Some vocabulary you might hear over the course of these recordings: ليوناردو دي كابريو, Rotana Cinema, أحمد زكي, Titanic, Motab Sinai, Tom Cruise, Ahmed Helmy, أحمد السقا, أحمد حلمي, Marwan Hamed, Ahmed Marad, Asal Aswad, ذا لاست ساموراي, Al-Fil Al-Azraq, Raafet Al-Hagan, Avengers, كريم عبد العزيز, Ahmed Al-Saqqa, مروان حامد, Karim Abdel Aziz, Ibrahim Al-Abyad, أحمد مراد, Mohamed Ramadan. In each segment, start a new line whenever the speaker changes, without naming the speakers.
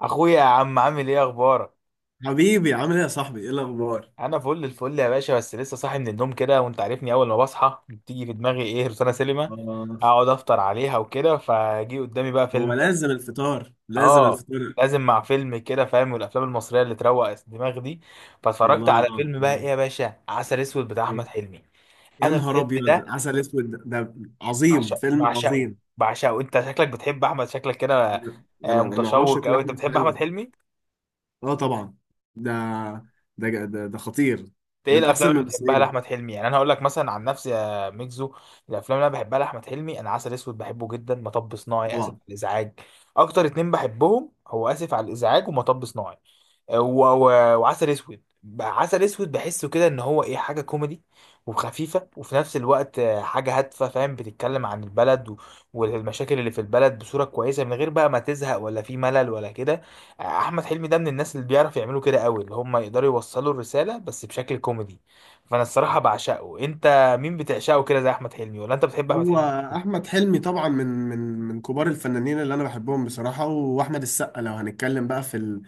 اخويا يا عم، عامل ايه؟ اخبارك؟
حبيبي عامل ايه يا صاحبي ايه الاخبار.
انا فل الفل يا باشا، بس لسه صاحي من النوم كده وانت عارفني. اول ما بصحى بتيجي في دماغي ايه؟ روتانا سينما.
آه،
اقعد افطر عليها وكده، فجي قدامي بقى
هو
فيلم.
لازم الفطار لازم
اه،
الفطار.
لازم مع فيلم كده فاهم، والافلام المصريه اللي تروق الدماغ دي. فاتفرجت على
الله.
فيلم بقى ايه يا باشا؟ عسل اسود بتاع
إيه؟
احمد حلمي.
يا
انا
نهار
الفيلم
ابيض
ده
عسل اسود ده عظيم،
بعشق،
فيلم
بعشقه،
عظيم.
بعشقه. انت شكلك بتحب احمد، شكلك كده،
انا
متشوق،
عاشق
او انت
لاحمد
بتحب احمد
حلمي،
حلمي؟
اه طبعا. ده ده خطير.
ايه
من احسن
الافلام اللي بتحبها
الممثلين
لاحمد حلمي؟ يعني انا هقول لك مثلا عن نفسي يا ميكزو. الافلام اللي انا بحبها لاحمد حلمي: انا عسل اسود بحبه جدا، مطب صناعي، اسف
طبعا.
على الازعاج. اكتر اتنين بحبهم هو اسف على الازعاج ومطب صناعي، و... و... وعسل اسود. عسل اسود بحسه كده ان هو ايه، حاجه كوميدي وخفيفه، وفي نفس الوقت حاجه هادفه فاهم، بتتكلم عن البلد والمشاكل اللي في البلد بصوره كويسه، من غير بقى ما تزهق ولا في ملل ولا كده. احمد حلمي ده من الناس اللي بيعرف يعملوا كده قوي، اللي هم يقدروا يوصلوا الرساله بس بشكل كوميدي. فانا الصراحه بعشقه. انت مين بتعشقه كده زي احمد حلمي؟ ولا انت بتحب احمد
هو
حلمي؟
احمد حلمي طبعا من كبار الفنانين اللي انا بحبهم بصراحه. واحمد السقا لو هنتكلم بقى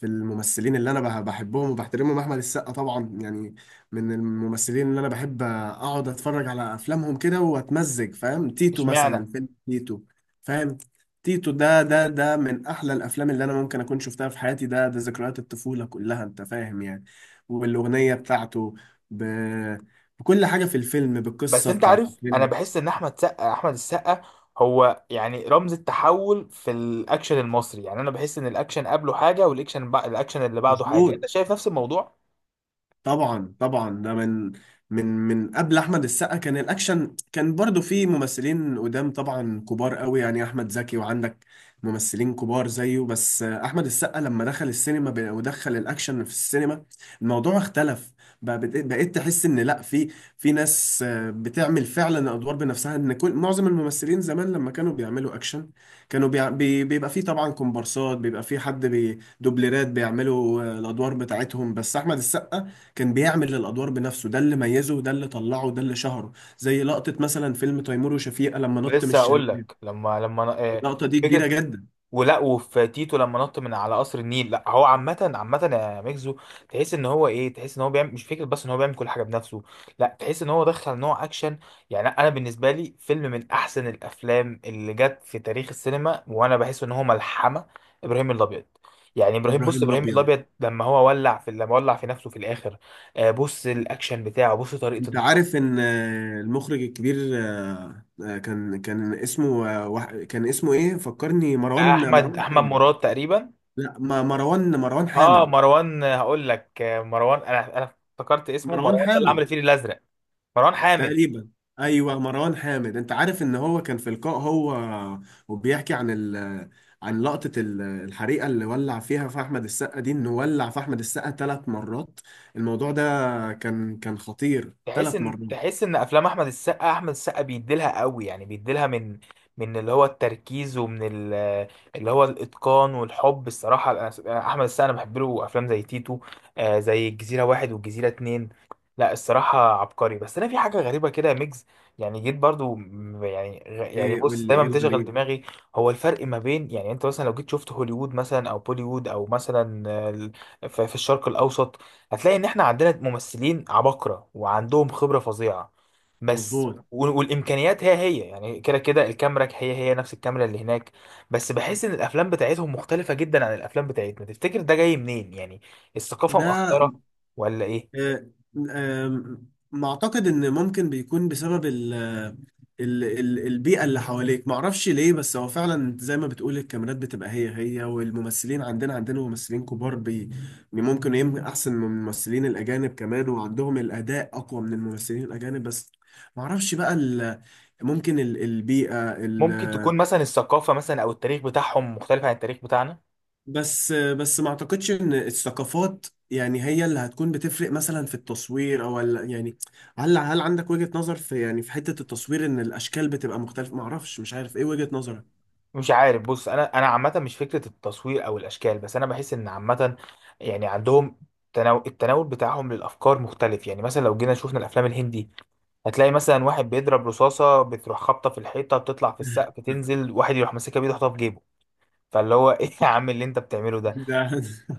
في الممثلين اللي انا بحبهم وبحترمهم، احمد السقا طبعا يعني من الممثلين اللي انا بحب اقعد اتفرج على افلامهم كده واتمزج، فاهم؟ تيتو
اشمعنى؟
مثلا، فيلم تيتو فاهم. تيتو ده من احلى الافلام اللي انا ممكن اكون شفتها في حياتي، ده ذكريات الطفوله كلها، انت فاهم يعني. والاغنيه بتاعته، ب... بكل حاجه في الفيلم،
بس
بالقصه
انت
بتاعت
عارف، انا
الفيلم.
بحس ان احمد سقا، احمد السقا، هو يعني رمز التحول في الاكشن المصري. يعني انا بحس ان الاكشن قبله حاجه، والاكشن الاكشن اللي بعده حاجه.
مظبوط،
انت شايف نفس الموضوع؟
طبعا ده من من قبل احمد السقا كان الاكشن، كان برضو في ممثلين قدام طبعا كبار قوي يعني احمد زكي، وعندك ممثلين كبار زيه. بس احمد السقا لما دخل السينما ودخل الاكشن في السينما، الموضوع اختلف. بقى بقيت تحس ان لا، في ناس بتعمل فعلا ادوار بنفسها. ان كل معظم الممثلين زمان لما كانوا بيعملوا اكشن كانوا بيع- بي بيبقى في طبعا كومبارسات، بيبقى في حد بي دوبلرات بيعملوا الادوار بتاعتهم. بس احمد السقا كان بيعمل الادوار بنفسه، ده اللي ميزه وده اللي طلعه وده اللي شهره. زي لقطة مثلا فيلم تيمور وشفيقة لما نط من
لسه هقول
الشلال،
لك. لما لما أنا... آه،
اللقطة دي كبيرة
فكره
جدا.
ولا. وفي تيتو لما نط من على قصر النيل. لا هو عامة، عامة يا ميكزو، تحس ان هو ايه، تحس ان هو بيعمل، مش فكرة بس ان هو بيعمل كل حاجة بنفسه، لا تحس ان هو دخل نوع اكشن. يعني انا بالنسبة لي فيلم من احسن الافلام اللي جت في تاريخ السينما، وانا بحس ان هو ملحمة. ابراهيم الابيض، يعني ابراهيم، بص
ابراهيم
ابراهيم
الابيض،
الابيض لما هو ولع في، لما ولع في نفسه في الاخر. بص الاكشن بتاعه، بص طريقة
انت عارف ان المخرج الكبير كان كان اسمه، كان اسمه ايه فكرني، مروان،
احمد
مروان
احمد
حامد.
مراد تقريبا.
لا مروان، مروان
اه
حامد.
مروان، هقول لك مروان، انا افتكرت اسمه
مروان
مروان، ده اللي عمل
حامد
الفيل الازرق. مروان حامد.
تقريبا. ايوه مروان حامد، انت عارف ان هو كان في لقاء، هو وبيحكي عن عن لقطة الحريقة اللي ولع فيها في أحمد السقا دي، إنه ولع في أحمد السقا ثلاث مرات. الموضوع ده كان، كان خطير،
تحس
ثلاث
ان،
مرات.
تحس ان افلام احمد السقا، احمد السقا بيديلها قوي. يعني بيديلها من، من اللي هو التركيز ومن اللي هو الاتقان والحب. الصراحه احمد السقا، انا بحب له افلام زي تيتو، زي الجزيره واحد والجزيره اتنين. لا الصراحه عبقري. بس انا في حاجه غريبه كده يا ميجز، يعني جيت برضو، يعني يعني
إيه قول
بص،
لي
دايما
إيه
بتشغل
الغريب.
دماغي. هو الفرق ما بين، يعني انت مثلا لو جيت شفت هوليوود مثلا او بوليوود، او مثلا في في الشرق الاوسط، هتلاقي ان احنا عندنا ممثلين عباقرة وعندهم خبرة فظيعة. بس
مظبوط.
والامكانيات هي هي، يعني كده كده الكاميرا هي هي نفس الكاميرا اللي هناك. بس بحس ان الافلام بتاعتهم مختلفة جدا عن الافلام بتاعتنا. تفتكر ده جاي منين يعني؟ الثقافة
ده
مأثرة ولا ايه؟
آه، آه، ما اعتقد ان ممكن بيكون بسبب ال البيئة اللي حواليك، ما اعرفش ليه، بس هو فعلا زي ما بتقول الكاميرات بتبقى هي هي. والممثلين عندنا ممثلين كبار ممكن يمكن احسن من الممثلين الاجانب كمان، وعندهم الاداء اقوى من الممثلين الاجانب. بس ما اعرفش بقى ممكن البيئة.
ممكن تكون مثلا الثقافة، مثلا او التاريخ بتاعهم مختلف عن التاريخ بتاعنا.
بس ما اعتقدش ان الثقافات يعني هي اللي هتكون بتفرق مثلا في التصوير او يعني هل عندك وجهة نظر في يعني في حتة التصوير، ان الاشكال بتبقى مختلفة؟ ما اعرفش، مش عارف ايه وجهة نظرك.
مش عارف، بص، انا عامة مش فكرة التصوير او الاشكال، بس انا بحس ان عامة يعني عندهم التناول بتاعهم للافكار مختلف. يعني مثلا لو جينا شفنا الافلام الهندي، هتلاقي مثلا واحد بيضرب رصاصة بتروح خابطة في الحيطة بتطلع في السقف تنزل واحد يروح ماسكها بيده يحطها في جيبه. فاللي هو ايه يا عم اللي انت بتعمله ده؟
ده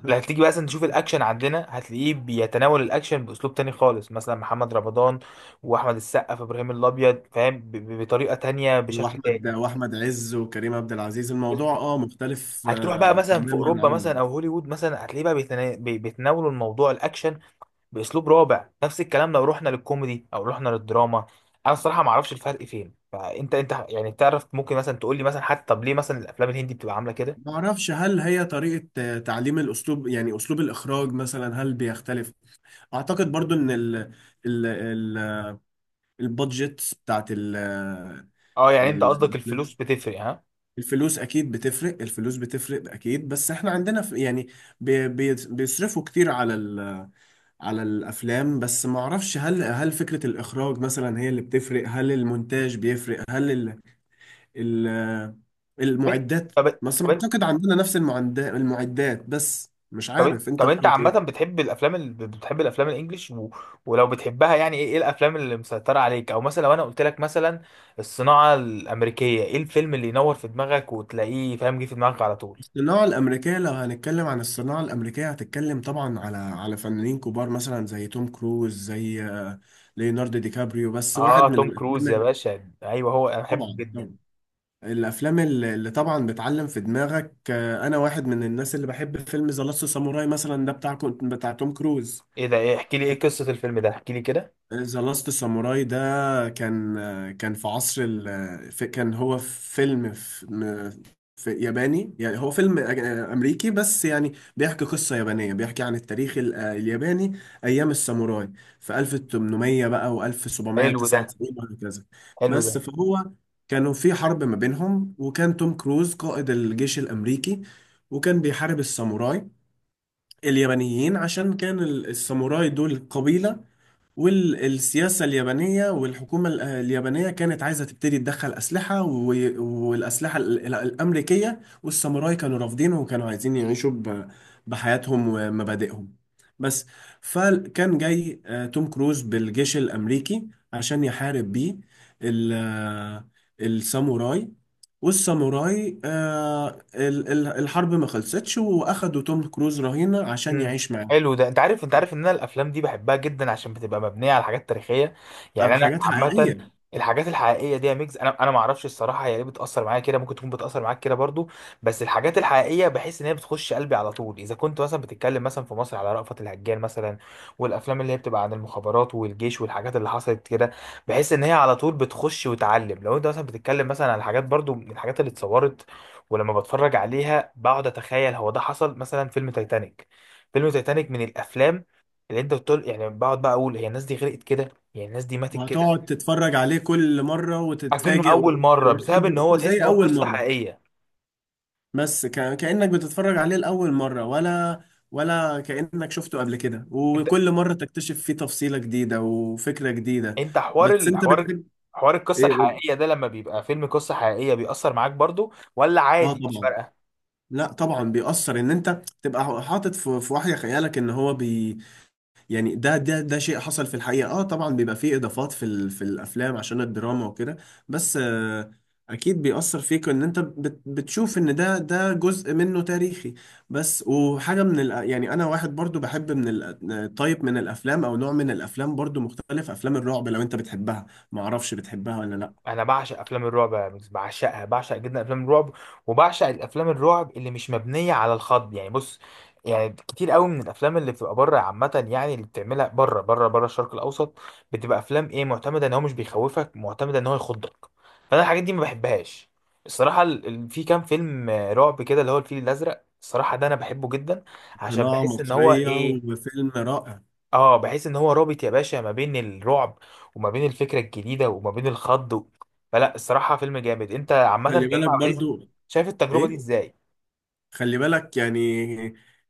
لو هتيجي بقى مثلا تشوف الاكشن عندنا هتلاقيه بيتناول الاكشن باسلوب تاني خالص، مثلا محمد رمضان واحمد السقا في ابراهيم الابيض فاهم، بطريقة تانية، بشكل
واحمد
تاني.
واحمد عز وكريم عبد العزيز، الموضوع اه مختلف
هتروح بقى
آه
مثلا في
تماما
اوروبا
عنه.
مثلا او هوليوود مثلا هتلاقيه بقى بيتناولوا الموضوع الاكشن باسلوب رابع. نفس الكلام لو رحنا للكوميدي او رحنا للدراما. انا الصراحه ما اعرفش الفرق فين. فانت يعني تعرف؟ ممكن مثلا تقول لي مثلا، حتى طب ليه مثلا الافلام الهندي بتبقى عامله كده؟
ما اعرفش هل هي طريقة تعليم الاسلوب، يعني اسلوب الاخراج مثلا هل بيختلف. اعتقد برضو ان ال البادجت بتاعت
اه يعني انت قصدك
ال-
الفلوس بتفرق؟ ها.
الفلوس اكيد بتفرق، الفلوس بتفرق اكيد. بس احنا عندنا في يعني بيصرفوا كتير على على الافلام. بس ما اعرفش هل فكرة الاخراج مثلا هي اللي بتفرق؟ هل المونتاج بيفرق؟ هل ال ال
طب
المعدات؟
طب
بس ما
طب
اعتقد عندنا نفس المعدات، المعدات. بس مش
طب,
عارف انت
طب انت
رأيك
عامه
إيه؟
بتحب الافلام بتحب الافلام الانجليش ولو بتحبها، يعني ايه، إيه الافلام اللي مسيطره عليك؟ او مثلا لو انا قلت لك مثلا الصناعه الامريكيه، ايه الفيلم اللي ينور في دماغك وتلاقيه فاهم جه في دماغك على طول؟
الصناعة الأمريكية لو هنتكلم عن الصناعة الأمريكية هتتكلم طبعا على فنانين كبار مثلا زي توم كروز، زي ليوناردو دي كابريو. بس واحد
اه
من
توم
الأفلام
كروز يا باشا، ايوه هو، انا بحبه
طبعا
جدا.
طبعا، الأفلام اللي طبعا بتعلم في دماغك، أنا واحد من الناس اللي بحب فيلم ذا لاست ساموراي مثلا، ده بتاع توم كروز.
ايه ده؟ ايه؟ احكي لي، ايه قصة الفيلم ده، احكي لي كده.
ذا لاست ساموراي ده كان، كان في عصر كان هو فيلم في ياباني، يعني هو فيلم أمريكي بس يعني بيحكي قصة يابانية، بيحكي عن التاريخ الياباني أيام الساموراي في 1800 بقى
حلو ده،
و1799 وهكذا.
حلو ده.
بس فهو كانوا في حرب ما بينهم، وكان توم كروز قائد الجيش الأمريكي وكان بيحارب الساموراي اليابانيين. عشان كان الساموراي دول قبيلة، والسياسة اليابانية والحكومة اليابانية كانت عايزة تبتدي تدخل أسلحة والأسلحة الأمريكية، والساموراي كانوا رافضينه وكانوا عايزين يعيشوا بحياتهم ومبادئهم بس. فكان جاي توم كروز بالجيش الأمريكي عشان يحارب بيه ال- آه، الساموراي. والساموراي الحرب ما خلصتش، وأخدوا توم كروز رهينة عشان
امم،
يعيش معاهم.
حلو ده. انت عارف، انت عارف ان انا الافلام دي بحبها جدا عشان بتبقى مبنيه على حاجات تاريخيه. يعني
عن
انا
حاجات
عامه
حقيقية.
الحاجات الحقيقيه دي يا ميجز، انا ما اعرفش الصراحه هي ليه بتاثر معايا كده، ممكن تكون بتاثر معاك كده برضو. بس الحاجات الحقيقيه بحس ان هي بتخش قلبي على طول. اذا كنت مثلا بتتكلم مثلا في مصر على رأفت الهجان مثلا، والافلام اللي هي بتبقى عن المخابرات والجيش والحاجات اللي حصلت كده، بحس ان هي على طول بتخش وتعلم. لو انت مثلا بتتكلم مثلا على حاجات برضو من الحاجات اللي اتصورت، ولما بتفرج عليها بقعد اتخيل هو ده حصل. مثلا فيلم تايتانيك، فيلم تايتانيك من الافلام اللي انت بتقول، يعني بقعد بقى اقول هي الناس دي غرقت كده، يعني الناس دي ماتت كده.
وهتقعد تتفرج عليه كل مرة
اكنه
وتتفاجئ
اول مره بسبب ان
وتحب
هو تحس ان
زي
هو
أول
قصه
مرة.
حقيقيه.
بس كأنك بتتفرج عليه لأول مرة، ولا كأنك شفته قبل كده
انت
وكل مرة تكتشف فيه تفصيلة جديدة وفكرة جديدة.
انت حوار،
بس أنت
الحوار،
بتحب
حوار القصه
إيه قول.
الحقيقيه ده لما بيبقى فيلم قصه حقيقيه، بيأثر معاك برضو ولا
آه
عادي مش
طبعا.
فارقه؟
لا طبعا بيأثر، إن أنت تبقى حاطط في في وحي خيالك إن هو يعني ده شيء حصل في الحقيقة. اه طبعا بيبقى فيه اضافات في الافلام عشان الدراما وكده بس آه، اكيد بيأثر فيك ان انت بتشوف ان ده جزء منه تاريخي بس. وحاجة من ال يعني انا واحد برضو بحب من ال، طيب، من الافلام او نوع من الافلام برضو مختلف، افلام الرعب لو انت بتحبها، ما اعرفش بتحبها ولا لا.
انا بعشق افلام الرعب يا ميكس، بعشقها، بعشق جدا افلام الرعب. وبعشق الافلام الرعب اللي مش مبنيه على الخض. يعني بص، يعني كتير قوي من الافلام اللي بتبقى بره عامه، يعني اللي بتعملها بره، بره بره الشرق الاوسط، بتبقى افلام ايه، معتمده ان هو مش بيخوفك، معتمده ان هو يخضك. فانا الحاجات دي ما بحبهاش. الصراحه في كام فيلم رعب كده، اللي هو الفيل الازرق، الصراحه ده انا بحبه جدا. عشان
قناة
بحس ان هو
مصرية
ايه،
وفيلم رائع.
اه بحيث ان هو رابط يا باشا ما بين الرعب، وما بين الفكره الجديده، وما بين الخض فلا الصراحه فيلم جامد. انت عامه كريم
خلي بالك
عبد العزيز
برضو.
شايف التجربه دي
ايه؟
ازاي؟
خلي بالك يعني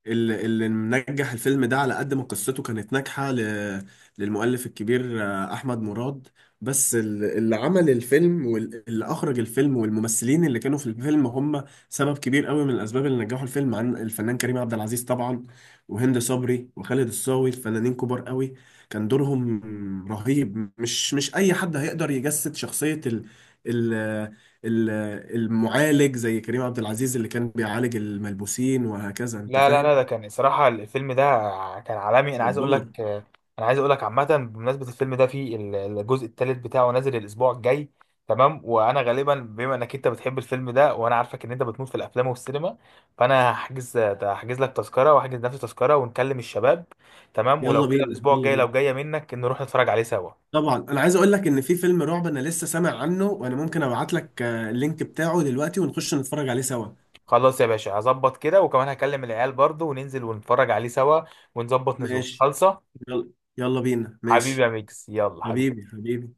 اللي منجح الفيلم ده على قد ما قصته كانت ناجحة للمؤلف الكبير أحمد مراد. بس اللي عمل الفيلم واللي أخرج الفيلم والممثلين اللي كانوا في الفيلم هم سبب كبير قوي من الأسباب اللي نجحوا الفيلم، عن الفنان كريم عبد العزيز طبعا وهند صبري وخالد الصاوي، فنانين كبار قوي. كان دورهم رهيب، مش أي حد هيقدر يجسد شخصية ال ال- المعالج زي كريم عبد العزيز اللي كان بيعالج الملبوسين وهكذا، انت
لا لا لا،
فاهم.
ده كان صراحة الفيلم ده كان عالمي. انا عايز اقول
جبار.
لك، انا عايز اقول لك عامة، بمناسبة الفيلم ده في الجزء الثالث بتاعه نازل الاسبوع الجاي. تمام؟ وانا غالبا بما انك انت بتحب الفيلم ده، وانا عارفك ان انت بتموت في الافلام والسينما، فانا هحجز، هحجز لك تذكرة واحجز نفسي تذكرة ونكلم الشباب. تمام؟ ولو
يلا
كده
بينا
الاسبوع
يلا
الجاي لو
بينا
جاية منك نروح نتفرج عليه سوا.
طبعا انا عايز اقول لك ان في فيلم رعب انا لسه سامع عنه، وانا ممكن ابعت لك اللينك بتاعه دلوقتي ونخش نتفرج عليه سوا.
خلاص يا باشا، هظبط كده وكمان هكلم العيال برضه، وننزل ونتفرج عليه سوا، ونظبط نزول
ماشي.
خالصة.
يلا، يلا بينا.
حبيبي يا
ماشي.
ميكس، يلا حبيبي.
حبيبي، حبيبي.